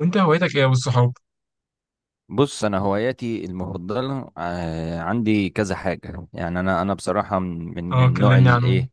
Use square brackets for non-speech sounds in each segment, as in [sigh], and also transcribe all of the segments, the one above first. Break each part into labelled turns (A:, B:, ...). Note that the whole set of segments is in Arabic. A: وانت هوايتك ايه والصحاب؟
B: بص، انا هواياتي المفضله عندي كذا حاجه. يعني انا بصراحه من
A: اه،
B: النوع
A: كلمني عنهم.
B: الايه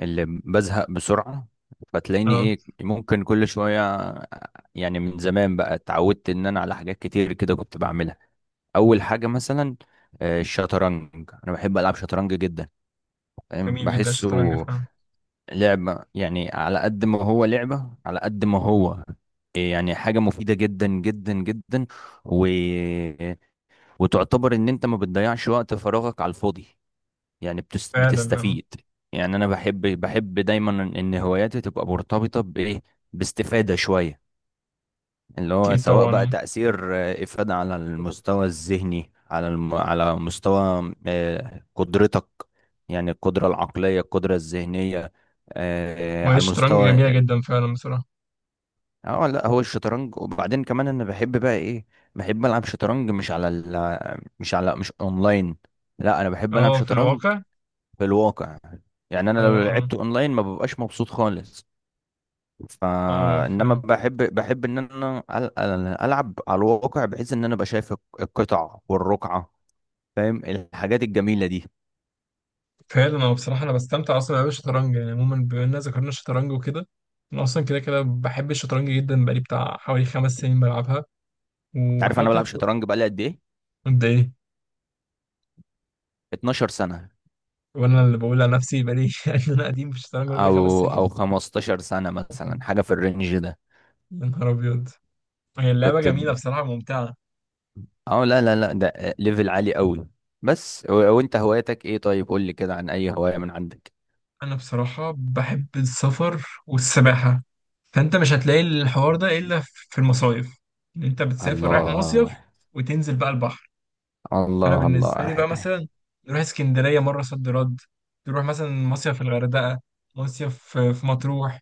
B: اللي بزهق بسرعه. فتلاقيني
A: اه،
B: ايه ممكن كل شويه يعني من زمان بقى اتعودت ان انا على حاجات كتير كده كنت بعملها. اول حاجه مثلا الشطرنج. انا بحب العب شطرنج جدا. فاهم،
A: جميل جدا الشطرنج
B: بحسه
A: فعلا.
B: لعبه. يعني على قد ما هو لعبه على قد ما هو يعني حاجه مفيده جدا جدا جدا. و وتعتبر ان انت ما بتضيعش وقت فراغك على الفاضي. يعني
A: فعلا اه.
B: بتستفيد. يعني انا بحب دايما ان هواياتي تبقى مرتبطة بايه، باستفادة شوية. اللي هو
A: اكيد
B: سواء
A: طبعا
B: بقى
A: اه.
B: تأثير إفادة على المستوى الذهني، على على مستوى قدرتك. يعني القدرة العقلية، القدرة الذهنية
A: وهي
B: على
A: الشطرنج
B: المستوى.
A: جميلة جدا فعلا بصراحة.
B: اه لا، هو الشطرنج. وبعدين كمان انا بحب بقى ايه، بحب العب شطرنج، مش على ال مش على مش اونلاين. لا انا بحب العب
A: اه، في
B: شطرنج
A: الواقع.
B: في الواقع. يعني انا
A: اه،
B: لو
A: اه،
B: لعبت اونلاين ما ببقاش مبسوط خالص.
A: اه، اه،
B: فانما
A: فعلا.
B: بحب ان انا العب على الواقع، بحيث ان انا ابقى شايف القطع والرقعة. فاهم، الحاجات الجميلة دي.
A: فعلا اه، بصراحة انا بستمتع اصلا بلعب الشطرنج، يعني عموما بما اننا ذكرنا الشطرنج وكده. انا اصلا كده كده بحب الشطرنج جدا، بقالي بتاع حوالي 5 سنين بلعبها.
B: انت عارف
A: وبحاول
B: انا
A: كده
B: بلعب شطرنج بقالي قد ايه؟
A: قد ايه؟
B: 12 سنة.
A: وانا اللي بقول على نفسي بقالي [laughs] ان انا قديم في الشطرنج وأنا بقالي خمس
B: او
A: سنين
B: او 15 سنة مثلا، حاجة في الرينج ده.
A: يا نهار ابيض، هي اللعبة
B: كنت
A: جميلة بصراحة ممتعة.
B: اه لا لا لا، ده ليفل عالي قوي. بس وانت هوايتك ايه؟ طيب قول لي كده عن اي هواية من عندك.
A: انا بصراحة بحب السفر والسباحة، فانت مش هتلاقي الحوار ده الا في المصايف، ان انت بتسافر رايح
B: الله،
A: مصيف وتنزل بقى البحر. فانا
B: الله،
A: بالنسبة لي
B: الله.
A: بقى مثلا، نروح اسكندرية مرة صد رد، تروح مثلا مصيف في الغردقة، مصيف في مطروح.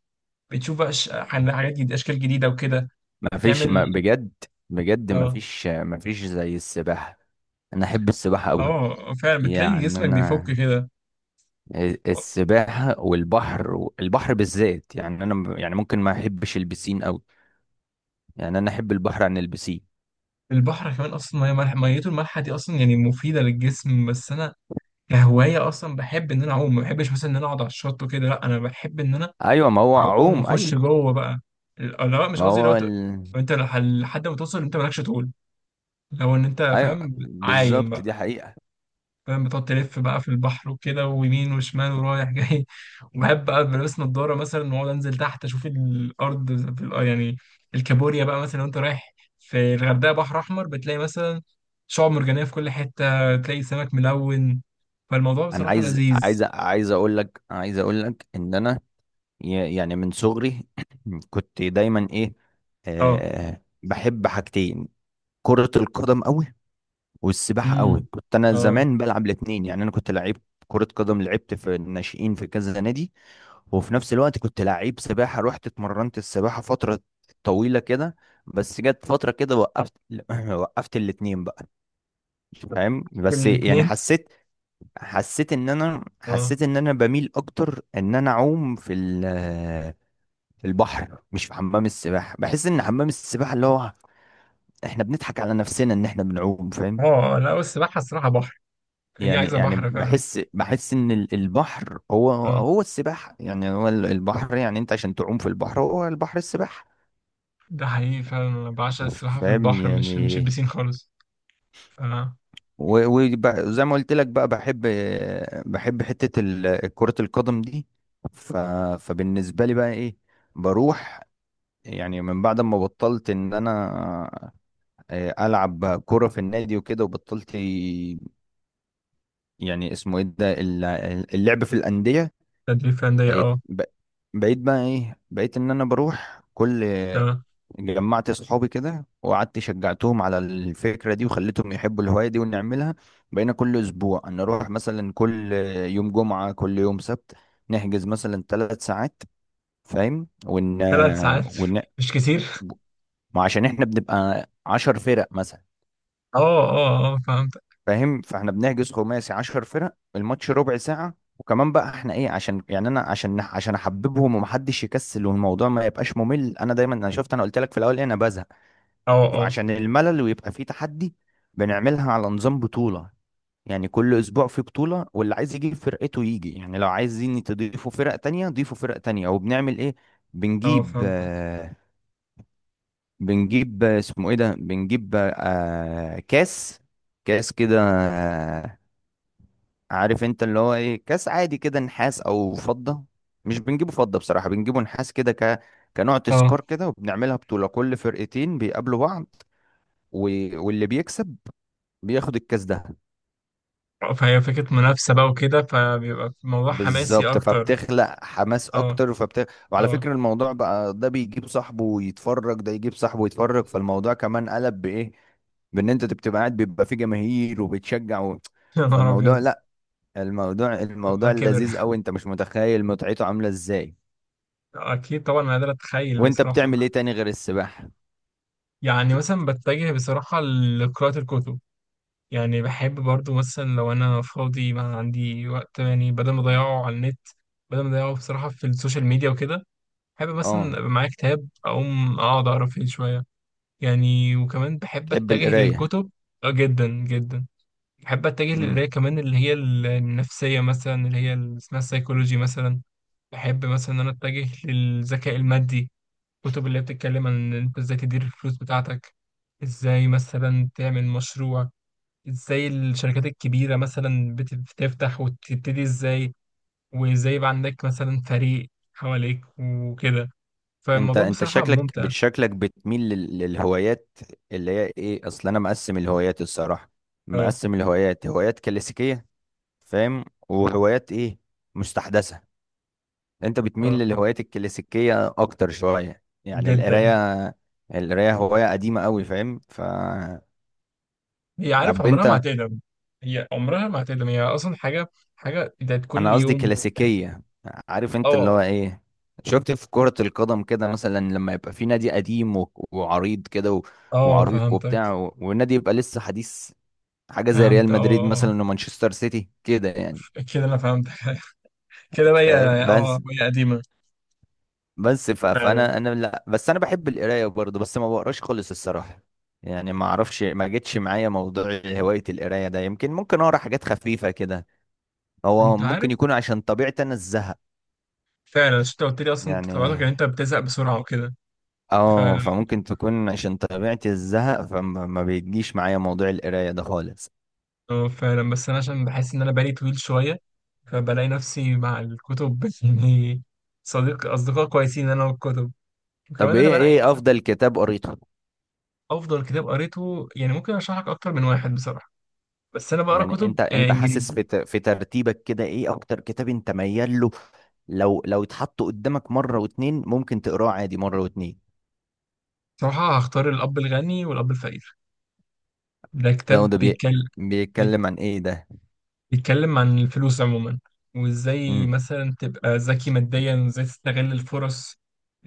A: بتشوف بقى حاجات جديدة، اشكال جديدة وكده.
B: ما فيش، ما
A: بتعمل
B: بجد. بجد ما
A: اه.
B: فيش، ما فيش زي السباحة. انا احب السباحة قوي.
A: اه، فعلا بتلاقي
B: يعني
A: جسمك بيفك
B: انا،
A: كده.
B: السباحة والبحر، البحر بالذات. يعني انا يعني ممكن ما احبش البسين قوي. يعني انا احب البحر عن البسين.
A: البحر كمان اصلا ميه ملح، ميته المالحه دي اصلا يعني مفيده للجسم. بس انا كهوايه اصلا بحب ان انا اعوم، ما بحبش مثلا ان انا اقعد على الشط وكده، لا انا بحب ان انا
B: ايوه، ما هو
A: اعوم
B: اعوم،
A: واخش
B: ايوه.
A: جوه بقى. لا مش
B: ما
A: قصدي، لو
B: هو
A: انت لحد ما توصل انت مالكش طول، لو ان انت
B: ايوه
A: فاهم. عايم
B: بالظبط،
A: بقى،
B: دي حقيقة.
A: فاهم؟ بتقعد تلف بقى في البحر وكده، ويمين وشمال ورايح جاي [laughs] وبحب بقى بلبس نضاره مثلا، واقعد انزل تحت اشوف الارض في يعني الكابوريا بقى مثلا. لو انت رايح في الغردقه بحر احمر، بتلاقي مثلا شعاب مرجانيه في كل حته، تلاقي سمك ملون. فالموضوع
B: انا
A: بصراحه
B: عايز
A: لذيذ.
B: عايز عايز اقول لك عايز اقول لك ان انا يعني من صغري [clears throat] كنت دايما ايه
A: اه.
B: بحب حاجتين: كرة القدم قوي، والسباحة قوي.
A: امم.
B: كنت انا
A: اه.
B: زمان بلعب الاتنين. يعني انا كنت لعيب كرة قدم، لعبت في الناشئين في كذا نادي. وفي نفس الوقت كنت لعيب سباحة، رحت اتمرنت السباحة فترة طويلة كده. بس جت فترة كده وقفت [clears throat] وقفت الاتنين بقى. فاهم،
A: في
B: بس يعني
A: الاتنين.
B: حسيت حسيت ان انا
A: اه.
B: حسيت ان انا بميل اكتر ان انا اعوم في البحر مش في حمام السباحه. بحس ان حمام السباحه اللي هو احنا بنضحك على نفسنا ان احنا بنعوم. فاهم،
A: اه، لا السباحة الصراحة بحر، هي
B: يعني
A: عايزة
B: يعني
A: بحر فعلا.
B: بحس بحس ان البحر هو
A: اه،
B: هو السباحه. يعني هو البحر. يعني انت عشان تعوم في البحر، هو البحر السباحه.
A: ده حقيقي فعلا، أنا بعشق السباحة في
B: فاهم
A: البحر، مش
B: يعني.
A: البسين خالص. ف
B: وزي ما قلت لك بقى، بحب كره القدم دي. ف- فبالنسبه لي بقى ايه، بروح. يعني من بعد ما بطلت ان انا العب كوره في النادي وكده وبطلت. يعني اسمه ايه ده اللعب في الانديه.
A: تدريب فعلا ده،
B: آه،
A: اه.
B: ب- بقيت بقى ايه بقيت ان انا بروح كل.
A: اه،
B: جمعت صحابي كده، وقعدت شجعتهم على الفكره دي، وخليتهم يحبوا الهوايه دي ونعملها. بقينا كل اسبوع ان اروح مثلا كل يوم جمعه، كل يوم سبت، نحجز مثلا 3 ساعات. فاهم،
A: 3 ساعات.
B: ون...
A: [laughs] مش كتير.
B: وعشان احنا بنبقى 10 فرق مثلا.
A: اه. اه. اه، فهمتك.
B: فاهم، فاحنا بنحجز خماسي، 10 فرق، الماتش ربع ساعة. وكمان بقى احنا ايه، عشان يعني انا عشان احببهم ومحدش يكسل والموضوع ما يبقاش ممل. انا دايما انا شفت، انا قلت لك في الاول ايه، انا بزهق.
A: اه. اه.
B: فعشان الملل ويبقى فيه تحدي، بنعملها على نظام بطولة. يعني كل اسبوع في بطولة، واللي عايز يجيب فرقته يجي. يعني لو عايزين تضيفوا فرق تانية ضيفوا فرق تانية. وبنعمل ايه،
A: اه،
B: بنجيب
A: فهمتك.
B: آه بنجيب آه، اسمه ايه ده، بنجيب كاس، كاس كده. عارف انت اللي هو ايه، كاس عادي كده، نحاس او فضة. مش بنجيبه فضة بصراحة، بنجيبه نحاس كده كنوع
A: اه،
B: تذكار كده. وبنعملها بطولة، كل فرقتين بيقابلوا بعض، و... واللي بيكسب بياخد الكاس ده.
A: آه، فهي فكرة منافسة بقى وكده، فبيبقى الموضوع حماسي
B: بالظبط،
A: أكتر.
B: فبتخلق حماس
A: اه.
B: اكتر. وعلى
A: اه.
B: فكرة، الموضوع بقى ده بيجيب صاحبه ويتفرج، ده يجيب صاحبه ويتفرج. فالموضوع كمان قلب بايه، بان انت بتبقى قاعد، بيبقى في جماهير وبتشجع
A: [laughs] يا نهار
B: فالموضوع
A: أبيض.
B: لا، الموضوع
A: الموضوع
B: الموضوع
A: كبر.
B: لذيذ قوي. انت مش متخيل متعته عاملة ازاي.
A: [laughs] أكيد طبعا، أنا قادر أتخيل
B: وانت
A: بصراحة.
B: بتعمل ايه تاني غير السباحة؟
A: يعني مثلا بتجه بصراحة لقراءة الكتب. يعني بحب برضو مثلا لو أنا فاضي ما عندي وقت، يعني بدل ما أضيعه على النت، بدل ما أضيعه بصراحة في السوشيال ميديا وكده، بحب مثلا
B: اه،
A: أبقى معايا كتاب، أقوم أقعد أقرأ فيه شوية يعني. وكمان بحب
B: تحب
A: أتجه
B: القراية؟
A: للكتب. جدا جدا. بحب أتجه
B: امم.
A: للقراية كمان، اللي هي النفسية مثلا، اللي هي اللي اسمها السيكولوجي مثلا. بحب مثلا إن أنا أتجه للذكاء المادي، كتب اللي هي بتتكلم عن إن أنت إزاي تدير الفلوس بتاعتك، إزاي مثلا تعمل مشروع، إزاي الشركات الكبيرة مثلا بتفتح وتبتدي إزاي، وإزاي يبقى عندك مثلا فريق حواليك وكده.
B: انت
A: فالموضوع
B: انت
A: بصراحة
B: شكلك
A: ممتع.
B: شكلك بتميل للهوايات اللي هي ايه، اصل انا مقسم الهوايات الصراحة.
A: اه.
B: مقسم الهوايات: هوايات كلاسيكية، فاهم، وهوايات ايه، مستحدثة. انت بتميل
A: اه،
B: للهوايات الكلاسيكية اكتر شوية. يعني
A: جدا.
B: القراية. القراية هواية قديمة قوي. فاهم.
A: هي عارف
B: طب
A: عمرها ما
B: انت،
A: هتقدم، هي عمرها ما هتقدم، هي أصلا حاجة، حاجة بتاعت كل
B: انا قصدي
A: يوم
B: كلاسيكيه. عارف انت اللي هو
A: اه.
B: ايه، شفت في كرة القدم كده مثلا، لما يبقى في نادي قديم وعريض كده
A: اه،
B: وعريق
A: فهمتك.
B: وبتاع، والنادي يبقى لسه حديث. حاجة زي ريال
A: فهمت اه.
B: مدريد
A: آه.
B: مثلا، ومانشستر سيتي كده يعني.
A: آه، كده أنا فهمتك. [laughs] كده بقى هي.
B: فاهم.
A: اه،
B: بس
A: هي قديمة.
B: بس
A: فعلا.
B: فانا انا لا، بس انا بحب القراية برضه، بس ما بقراش خالص الصراحة. يعني ما اعرفش، ما جتش معايا موضوع هواية القراية ده. يمكن ممكن اقرا حاجات خفيفة كده. هو
A: انت
B: ممكن
A: عارف.
B: يكون عشان طبيعتي انا الزهق.
A: فعلا، عشان انت قلت لي اصلا انت طبيعتك
B: يعني
A: ان انت بتزهق بسرعه وكده. ف
B: اه، فممكن تكون عشان طبيعتي الزهق. فما ما بيجيش معايا موضوع القراية ده خالص.
A: اه، فعلا، بس انا عشان بحس ان انا بالي طويل شويه، فبلاقي نفسي مع الكتب [laughs] يعني. صديق، اصدقاء كويسين انا والكتب.
B: طب،
A: وكمان انا
B: ايه
A: بنقي
B: ايه
A: مثلا.
B: افضل كتاب قريته؟
A: افضل كتاب قريته؟ يعني ممكن ارشح لك اكتر من واحد بصراحه، بس انا بقرا
B: يعني
A: كتب
B: انت انت حاسس
A: انجليزي.
B: في في ترتيبك كده ايه اكتر كتاب انت ميال له؟ لو اتحط قدامك مرة واتنين ممكن تقراه عادي مرة واتنين.
A: بصراحه هختار الاب الغني والاب الفقير. ده
B: لو
A: كتاب
B: ده
A: بيتكلم
B: بيتكلم عن ايه ده؟
A: بيتكلم عن الفلوس عموما، وازاي
B: امم.
A: مثلا تبقى ذكي ماديا، وازاي تستغل الفرص،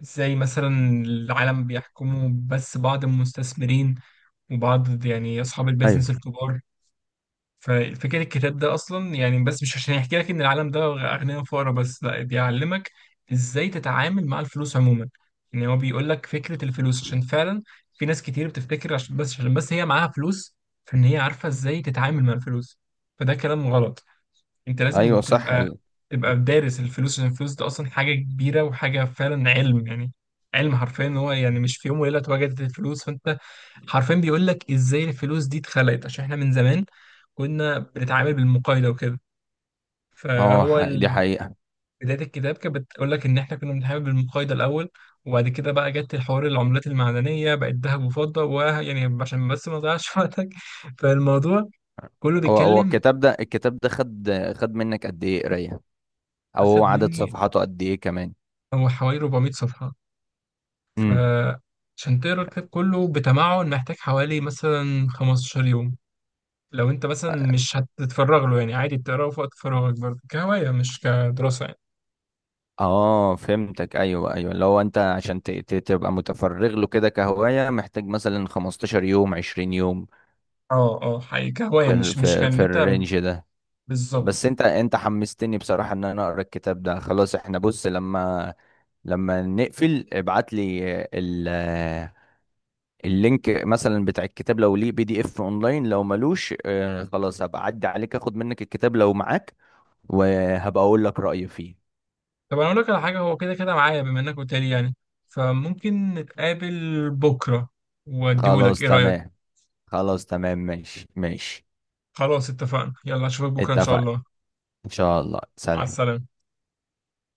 A: ازاي مثلا العالم بيحكمه بس بعض المستثمرين، وبعض يعني اصحاب البيزنس
B: ايوه،
A: الكبار. ففكرة الكتاب ده اصلا يعني، بس مش عشان يحكي لك ان العالم ده اغنياء وفقراء بس، لا بيعلمك ازاي تتعامل مع الفلوس عموما. ان هو بيقول لك فكرة الفلوس، عشان فعلا في ناس كتير بتفتكر عشان بس، هي معاها فلوس فان هي عارفة ازاي تتعامل مع الفلوس، فده كلام غلط. انت لازم
B: ايوه صح.
A: تبقى تبقى دارس الفلوس، عشان الفلوس دي اصلا حاجه كبيره، وحاجه فعلا علم يعني، علم حرفيا. ان هو يعني مش في يوم وليله اتوجدت الفلوس، فانت حرفيا بيقول لك ازاي الفلوس دي اتخلقت، عشان احنا من زمان كنا بنتعامل بالمقايضه وكده.
B: هو
A: فهو ال-
B: دي حقيقة.
A: بدايه الكتاب كانت بتقول لك ان احنا كنا بنتعامل بالمقايضه الاول، وبعد كده بقى جت الحوار العملات المعدنيه بقت ذهب وفضه. ويعني عشان بس ما اضيعش [laughs] وقتك، فالموضوع كله
B: هو
A: بيتكلم.
B: الكتاب ده خد منك قد ايه قراية؟ او
A: اخد
B: عدد
A: مني،
B: صفحاته قد ايه كمان؟
A: هو حوالي 400 صفحه. فعشان تقرا الكتاب كله بتمعن محتاج حوالي مثلا 15 يوم، لو انت مثلا مش هتتفرغ له، يعني عادي بتقراه في وقت فراغك برضه كهواية مش كدراسة يعني.
B: اه فهمتك. ايوه، ايوه. لو انت عشان تبقى متفرغ له كده كهواية، محتاج مثلا 15 يوم، 20 يوم.
A: اه، اه، حقيقي كهواية،
B: في
A: مش
B: في,
A: كان
B: في
A: انت.
B: الرينج ده. بس
A: بالظبط.
B: انت حمستني بصراحة ان انا اقرا الكتاب ده. خلاص، احنا بص، لما نقفل ابعت لي ال اللينك مثلا بتاع الكتاب. لو ليه PDF اونلاين، لو ملوش خلاص هبقى اعدي عليك، اخد منك الكتاب لو معاك، وهبقى اقول لك رأيي فيه.
A: طب انا اقول لك على حاجة، هو كده كده معايا بما انك قلت لي يعني، فممكن نتقابل بكرة واديهولك،
B: خلاص
A: ايه رأيك؟
B: تمام. خلاص تمام، ماشي ماشي.
A: خلاص اتفقنا، يلا اشوفك بكرة ان شاء
B: اتفق.
A: الله.
B: إن شاء الله،
A: على
B: سلام.
A: السلامة.